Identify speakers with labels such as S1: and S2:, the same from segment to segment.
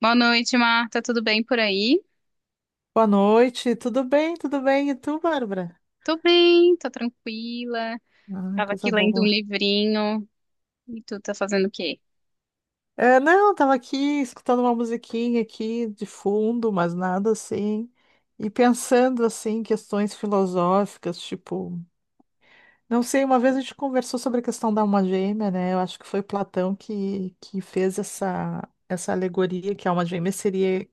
S1: Boa noite, Marta. Tudo bem por aí?
S2: Boa noite, tudo bem? Tudo bem? E tu, Bárbara?
S1: Tô bem, tô tranquila.
S2: Ah,
S1: Tava
S2: coisa
S1: aqui lendo um
S2: boa.
S1: livrinho. E tu tá fazendo o quê?
S2: É, não, tava aqui escutando uma musiquinha aqui de fundo, mas nada assim. E pensando assim em questões filosóficas, tipo, não sei, uma vez a gente conversou sobre a questão da alma gêmea, né? Eu acho que foi Platão que fez essa alegoria, que a alma gêmea seria,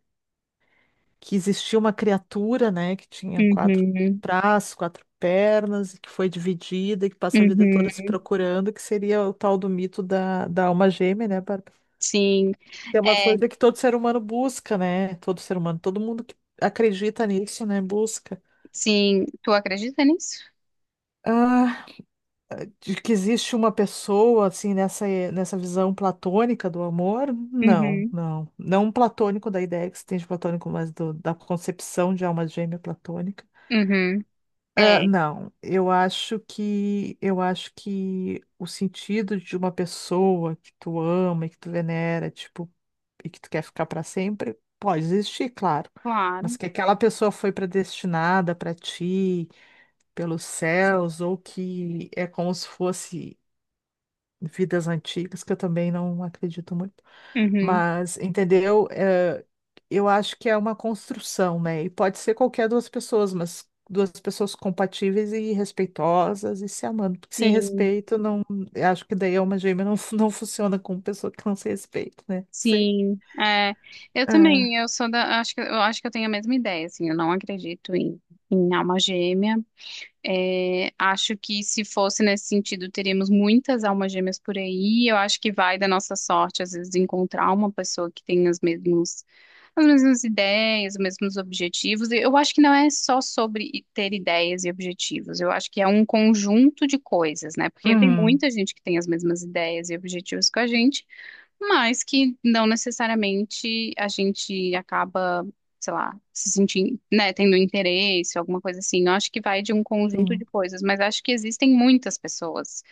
S2: que existia uma criatura, né, que tinha quatro
S1: Uhum,
S2: braços, quatro pernas, e que foi dividida, e que passa a vida toda se
S1: uhum.
S2: procurando, que seria o tal do mito da alma gêmea, né, Bárbara?
S1: Sim,
S2: Que é uma
S1: é,
S2: coisa que todo ser humano busca, né? Todo ser humano, todo mundo que acredita nisso, né, busca.
S1: sim. Tu acredita nisso?
S2: Ah, de que existe uma pessoa, assim, nessa, nessa visão platônica do amor? Não,
S1: Uhum,
S2: não. Não um platônico da ideia que se tem de platônico, mas da concepção de alma gêmea platônica.
S1: uhum.
S2: Ah,
S1: É,
S2: não, eu acho que o sentido de uma pessoa que tu ama e que tu venera, tipo, e que tu quer ficar para sempre, pode existir, claro.
S1: claro.
S2: Mas que aquela pessoa foi predestinada para ti, pelos céus, ou que é como se fosse vidas antigas, que eu também não acredito muito.
S1: Uhum.
S2: Mas, entendeu? É, eu acho que é uma construção, né? E pode ser qualquer duas pessoas, mas duas pessoas compatíveis e respeitosas e se amando. Porque sem
S1: Sim,
S2: respeito, não, eu acho que daí é uma gêmea não, não funciona com pessoa que não se respeita, né? Sei.
S1: sim. É, eu
S2: É.
S1: também, acho que eu tenho a mesma ideia, assim, eu não acredito em alma gêmea. É, acho que se fosse nesse sentido, teríamos muitas almas gêmeas por aí. Eu acho que vai da nossa sorte, às vezes, encontrar uma pessoa que tem as mesmas ideias, os mesmos objetivos. E eu acho que não é só sobre ter ideias e objetivos. Eu acho que é um conjunto de coisas, né? Porque tem
S2: Uhum,
S1: muita gente que tem as mesmas ideias e objetivos que a gente, mas que não necessariamente a gente acaba, sei lá, se sentindo, né, tendo interesse, alguma coisa assim. Eu acho que vai de um conjunto de
S2: sim.
S1: coisas, mas acho que existem muitas pessoas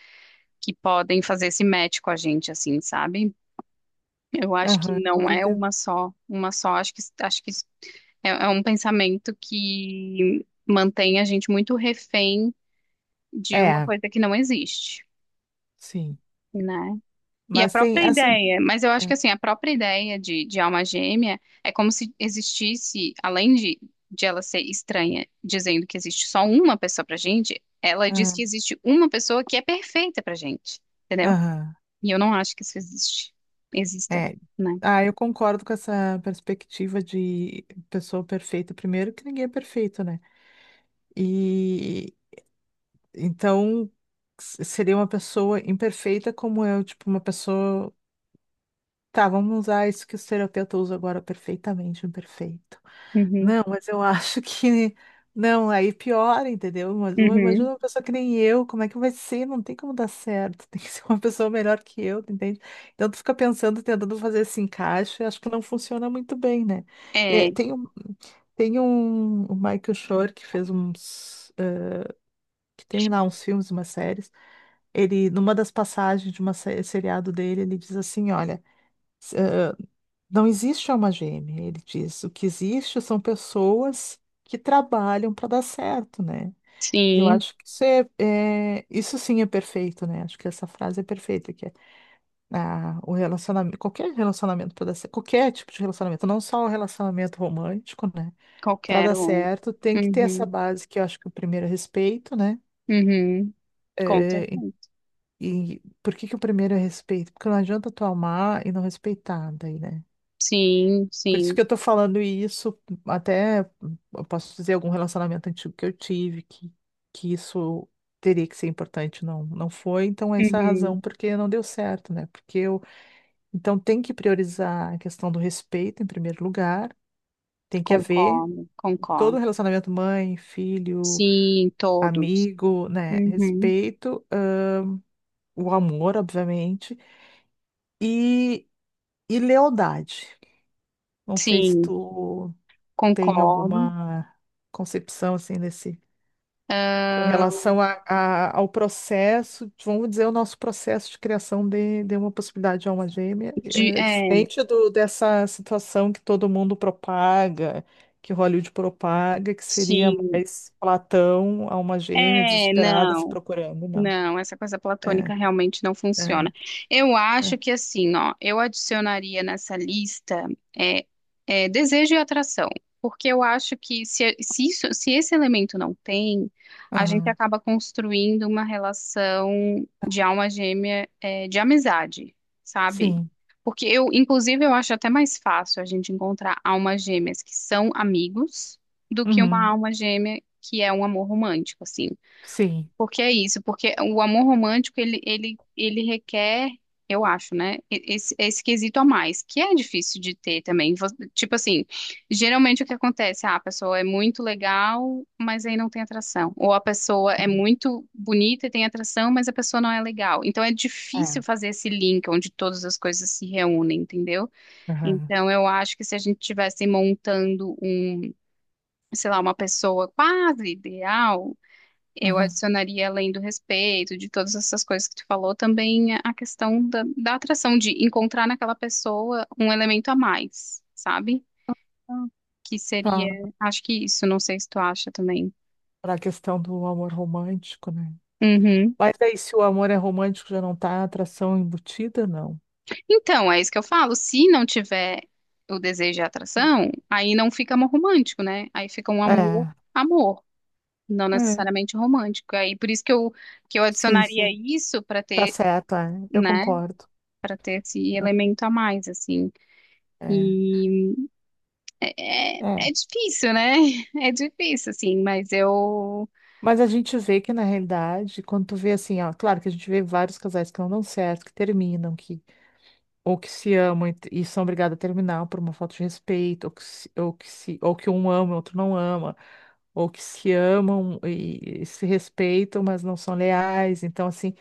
S1: que podem fazer esse match com a gente, assim, sabe? Eu acho que
S2: Aham, com
S1: não é
S2: certeza.
S1: uma só, uma só. Acho que é um pensamento que mantém a gente muito refém de uma
S2: É,
S1: coisa que não existe,
S2: sim.
S1: né? E a
S2: Mas tem,
S1: própria
S2: assim.
S1: ideia, mas eu acho que
S2: É.
S1: assim, a própria ideia de alma gêmea é como se existisse, além de ela ser estranha, dizendo que existe só uma pessoa pra gente, ela diz que
S2: Aham.
S1: existe uma pessoa que é perfeita pra gente, entendeu?
S2: Aham,
S1: E eu não acho que isso existe, exista,
S2: é.
S1: né?
S2: Ah, eu concordo com essa perspectiva de pessoa perfeita. Primeiro, que ninguém é perfeito, né? E então seria uma pessoa imperfeita como eu, tipo, uma pessoa. Tá, vamos usar isso que os terapeutas usam agora, perfeitamente imperfeito.
S1: Uhum,
S2: Não, mas eu acho que. Não, aí piora, entendeu? Mas imagina
S1: uhum.
S2: uma pessoa que nem eu, como é que vai ser? Não tem como dar certo. Tem que ser uma pessoa melhor que eu, tu entende? Então tu fica pensando, tentando fazer esse encaixe, acho que não funciona muito bem, né? É,
S1: É,
S2: tem um o Michael Shore, que fez uns, que tem lá uns filmes, umas séries. Ele, numa das passagens de uma seriado dele, ele diz assim: Olha, s- eh, não existe alma gêmea. Ele diz: O que existe são pessoas que trabalham para dar certo, né? E eu
S1: sim,
S2: acho que isso sim é perfeito, né? Acho que essa frase é perfeita, que é, ah, o relacionamento, qualquer relacionamento para dar certo, qualquer tipo de relacionamento, não só o relacionamento romântico, né? Para
S1: qualquer
S2: dar
S1: um.
S2: certo, tem que ter essa
S1: Uhum,
S2: base que eu acho que é, o primeiro é respeito, né?
S1: uhum. Com
S2: Eh,
S1: certeza.
S2: E por que que o primeiro é respeito? Porque não adianta tu amar e não respeitar daí, né?
S1: Sim,
S2: Por isso
S1: sim.
S2: que eu tô falando isso, até eu posso dizer algum relacionamento antigo que eu tive, que isso teria que ser importante, não, não foi, então essa é a
S1: Uhum.
S2: razão porque não deu certo, né? Porque eu, então tem que priorizar a questão do respeito em primeiro lugar, tem que haver,
S1: Concordo,
S2: todo
S1: concordo.
S2: relacionamento, mãe, filho,
S1: Sim, todos.
S2: amigo, né?
S1: Uhum.
S2: Respeito, ah, o amor, obviamente, e, e lealdade. Não sei se
S1: Sim,
S2: tu tem
S1: concordo.
S2: alguma concepção assim desse, com
S1: Ah,
S2: relação a, ao processo, vamos dizer, o nosso processo de criação de uma possibilidade de alma gêmea, é
S1: é,
S2: diferente do, dessa situação que todo mundo propaga, que Hollywood propaga, que seria
S1: sim.
S2: mais Platão, alma gêmea,
S1: É,
S2: desesperada, se
S1: não.
S2: procurando, não.
S1: Não, essa coisa platônica
S2: É,
S1: realmente não
S2: é,
S1: funciona. Eu
S2: é.
S1: acho que assim, ó, eu adicionaria nessa lista é, desejo e atração, porque eu acho que se esse elemento não tem, a gente
S2: Aham.
S1: acaba construindo uma relação de alma gêmea, de amizade, sabe?
S2: Sim.
S1: Porque eu, inclusive, eu acho até mais fácil a gente encontrar almas gêmeas que são amigos do que uma
S2: Uhum.
S1: alma gêmea que é um amor romântico, assim.
S2: Sim.
S1: Porque é isso, porque o amor romântico, ele requer, eu acho, né, esse quesito a mais, que é difícil de ter também. Tipo assim, geralmente o que acontece, ah, a pessoa é muito legal, mas aí não tem atração. Ou a pessoa é
S2: Uhum.
S1: muito bonita e tem atração, mas a pessoa não é legal. Então é
S2: É.
S1: difícil fazer esse link onde todas as coisas se reúnem, entendeu?
S2: Aham.
S1: Então eu acho que se a gente estivesse montando um, sei lá, uma pessoa quase ideal, eu
S2: Aham.
S1: adicionaria, além do respeito, de todas essas coisas que tu falou, também a questão da atração, de encontrar naquela pessoa um elemento a mais, sabe?
S2: Ah,
S1: Que
S2: tá.
S1: seria, acho que isso, não sei se tu acha também.
S2: Para a questão do amor romântico, né?
S1: Uhum.
S2: Mas aí, se o amor é romântico, já não tá a atração embutida, não.
S1: Então, é isso que eu falo. Se não tiver o desejo e a atração, aí não fica amor romântico, né? Aí fica um amor,
S2: É,
S1: amor, não
S2: é,
S1: necessariamente romântico. Aí por isso que eu
S2: sim,
S1: adicionaria
S2: sim,
S1: isso para
S2: tá
S1: ter,
S2: certo, é, eu
S1: né,
S2: concordo.
S1: ter esse elemento a mais, assim.
S2: É,
S1: E É, é
S2: é.
S1: é difícil, né? É difícil, assim, mas eu.
S2: Mas a gente vê que na realidade, quando tu vê assim, ó, claro que a gente vê vários casais que não dão certo, que terminam, que ou que se amam e são obrigados a terminar por uma falta de respeito, ou que se, ou que se, ou que um ama e o outro não ama, ou que se amam e se respeitam, mas não são leais. Então, assim,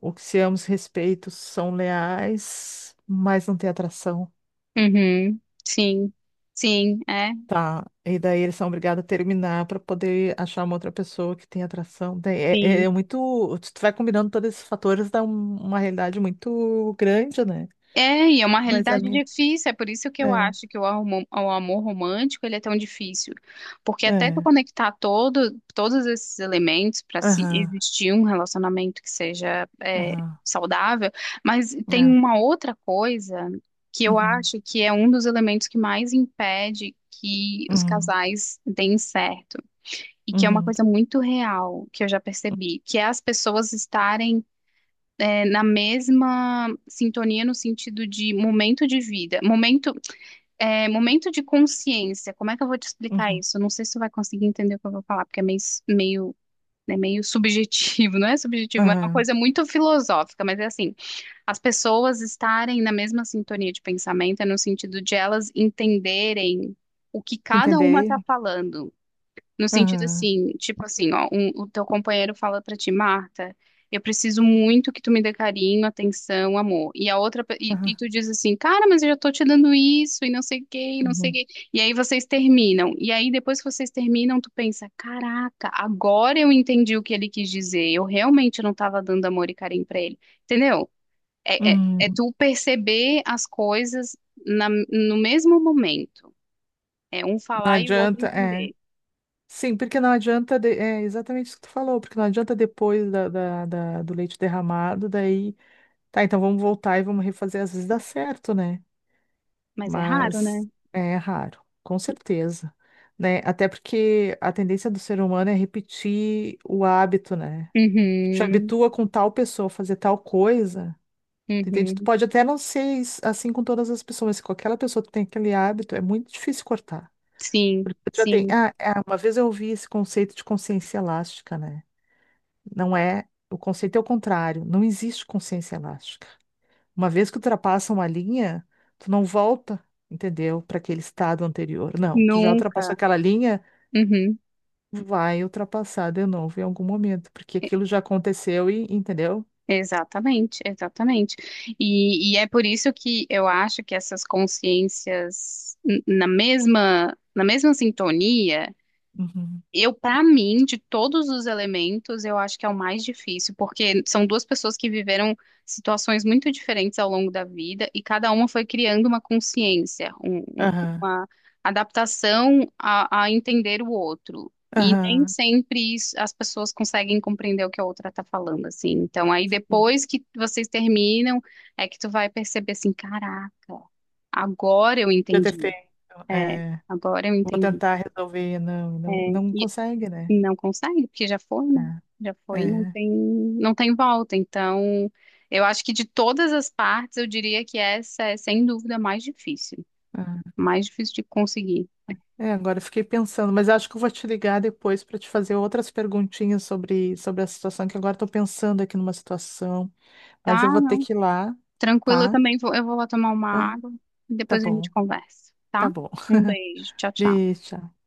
S2: o que se ambos respeitos são leais, mas não tem atração.
S1: Uhum, sim, sim, é,
S2: Tá. E daí eles são obrigados a terminar para poder achar uma outra pessoa que tem atração. Daí É, é
S1: sim.
S2: é muito. Tu vai combinando todos esses fatores, dá uma realidade muito grande, né?
S1: É, e é uma
S2: Mas a
S1: realidade
S2: minha.
S1: difícil, é por isso que eu
S2: É,
S1: acho que o amor romântico ele é tão difícil. Porque até tu
S2: é.
S1: conectar todo, todos esses elementos para se
S2: Aham,
S1: existir um relacionamento que seja
S2: aham.
S1: saudável, mas tem
S2: É.
S1: uma outra coisa que eu
S2: Uhum,
S1: acho que é um dos elementos que mais impede que os
S2: uhum,
S1: casais deem certo e que é uma
S2: uhum,
S1: coisa muito real que eu já percebi, que é as pessoas estarem na mesma sintonia no sentido de momento de vida, momento de consciência. Como é que eu vou te explicar
S2: uhum,
S1: isso? Eu não sei se você vai conseguir entender o que eu vou falar, porque é meio, meio É meio subjetivo, não é subjetivo, mas é uma
S2: aham.
S1: coisa muito filosófica, mas é assim, as pessoas estarem na mesma sintonia de pensamento, é no sentido de elas entenderem o que cada
S2: Entender
S1: uma está
S2: ele?
S1: falando. No sentido
S2: Aham,
S1: assim, tipo assim, ó, o teu companheiro fala pra ti, Marta, eu preciso muito que tu me dê carinho, atenção, amor. E a outra, e
S2: aham,
S1: tu diz assim, cara, mas eu já tô te dando isso, e não sei o quê, e não sei o
S2: uhum,
S1: quê. E aí vocês terminam. E aí depois que vocês terminam, tu pensa, caraca, agora eu entendi o que ele quis dizer. Eu realmente não tava dando amor e carinho pra ele. Entendeu? É, é,
S2: uhum.
S1: é tu perceber as coisas no mesmo momento. É um
S2: Não
S1: falar e o outro
S2: adianta, é.
S1: entender.
S2: Sim, porque não adianta, é exatamente isso que tu falou, porque não adianta depois do leite derramado, daí, tá, então vamos voltar e vamos refazer, às vezes dá certo, né?
S1: Mas é raro,
S2: Mas
S1: né?
S2: é raro, com certeza, né? Até porque a tendência do ser humano é repetir o hábito, né? Te
S1: Uhum,
S2: habitua com tal pessoa a fazer tal coisa, tu entende? Tu
S1: uhum.
S2: pode até não ser assim com todas as pessoas, mas se com aquela pessoa tu tem aquele hábito, é muito difícil cortar.
S1: Sim,
S2: Porque já tem,
S1: sim,
S2: uma vez eu ouvi esse conceito de consciência elástica, né? Não é, o conceito é o contrário, não existe consciência elástica. Uma vez que ultrapassa uma linha, tu não volta, entendeu? Para aquele estado anterior. Não, tu já ultrapassou
S1: nunca.
S2: aquela linha,
S1: Uhum.
S2: vai ultrapassar de novo em algum momento, porque aquilo já aconteceu e, entendeu?
S1: Exatamente, exatamente. E é por isso que eu acho que essas consciências na mesma sintonia.
S2: Uhum.
S1: Eu, para mim, de todos os elementos, eu acho que é o mais difícil, porque são duas pessoas que viveram situações muito diferentes ao longo da vida e cada uma foi criando uma consciência,
S2: Aham,
S1: uma adaptação a entender o outro. E nem
S2: aham.
S1: sempre as pessoas conseguem compreender o que a outra está falando, assim. Então, aí
S2: Sim.
S1: depois que vocês terminam, é que tu vai perceber assim, caraca, agora eu
S2: Eu ter
S1: entendi.
S2: feito,
S1: É,
S2: é,
S1: agora eu
S2: vou
S1: entendi.
S2: tentar resolver, não,
S1: É,
S2: não, não consegue, né?
S1: e não consegue, porque já foi, né? Já
S2: É,
S1: foi, e não
S2: é,
S1: tem, não tem volta. Então, eu acho que de todas as partes, eu diria que essa é, sem dúvida, a mais difícil.
S2: é.
S1: Mais difícil de conseguir.
S2: É, agora eu fiquei pensando, mas acho que eu vou te ligar depois para te fazer outras perguntinhas sobre, sobre a situação, que agora estou pensando aqui numa situação, mas
S1: Tá?
S2: eu vou ter que ir lá,
S1: Tranquilo, eu
S2: tá?
S1: também vou, eu vou lá tomar uma
S2: Ah,
S1: água e
S2: tá
S1: depois a gente
S2: bom,
S1: conversa, tá?
S2: tá bom.
S1: Um beijo, tchau, tchau.
S2: Beijo. Tchau.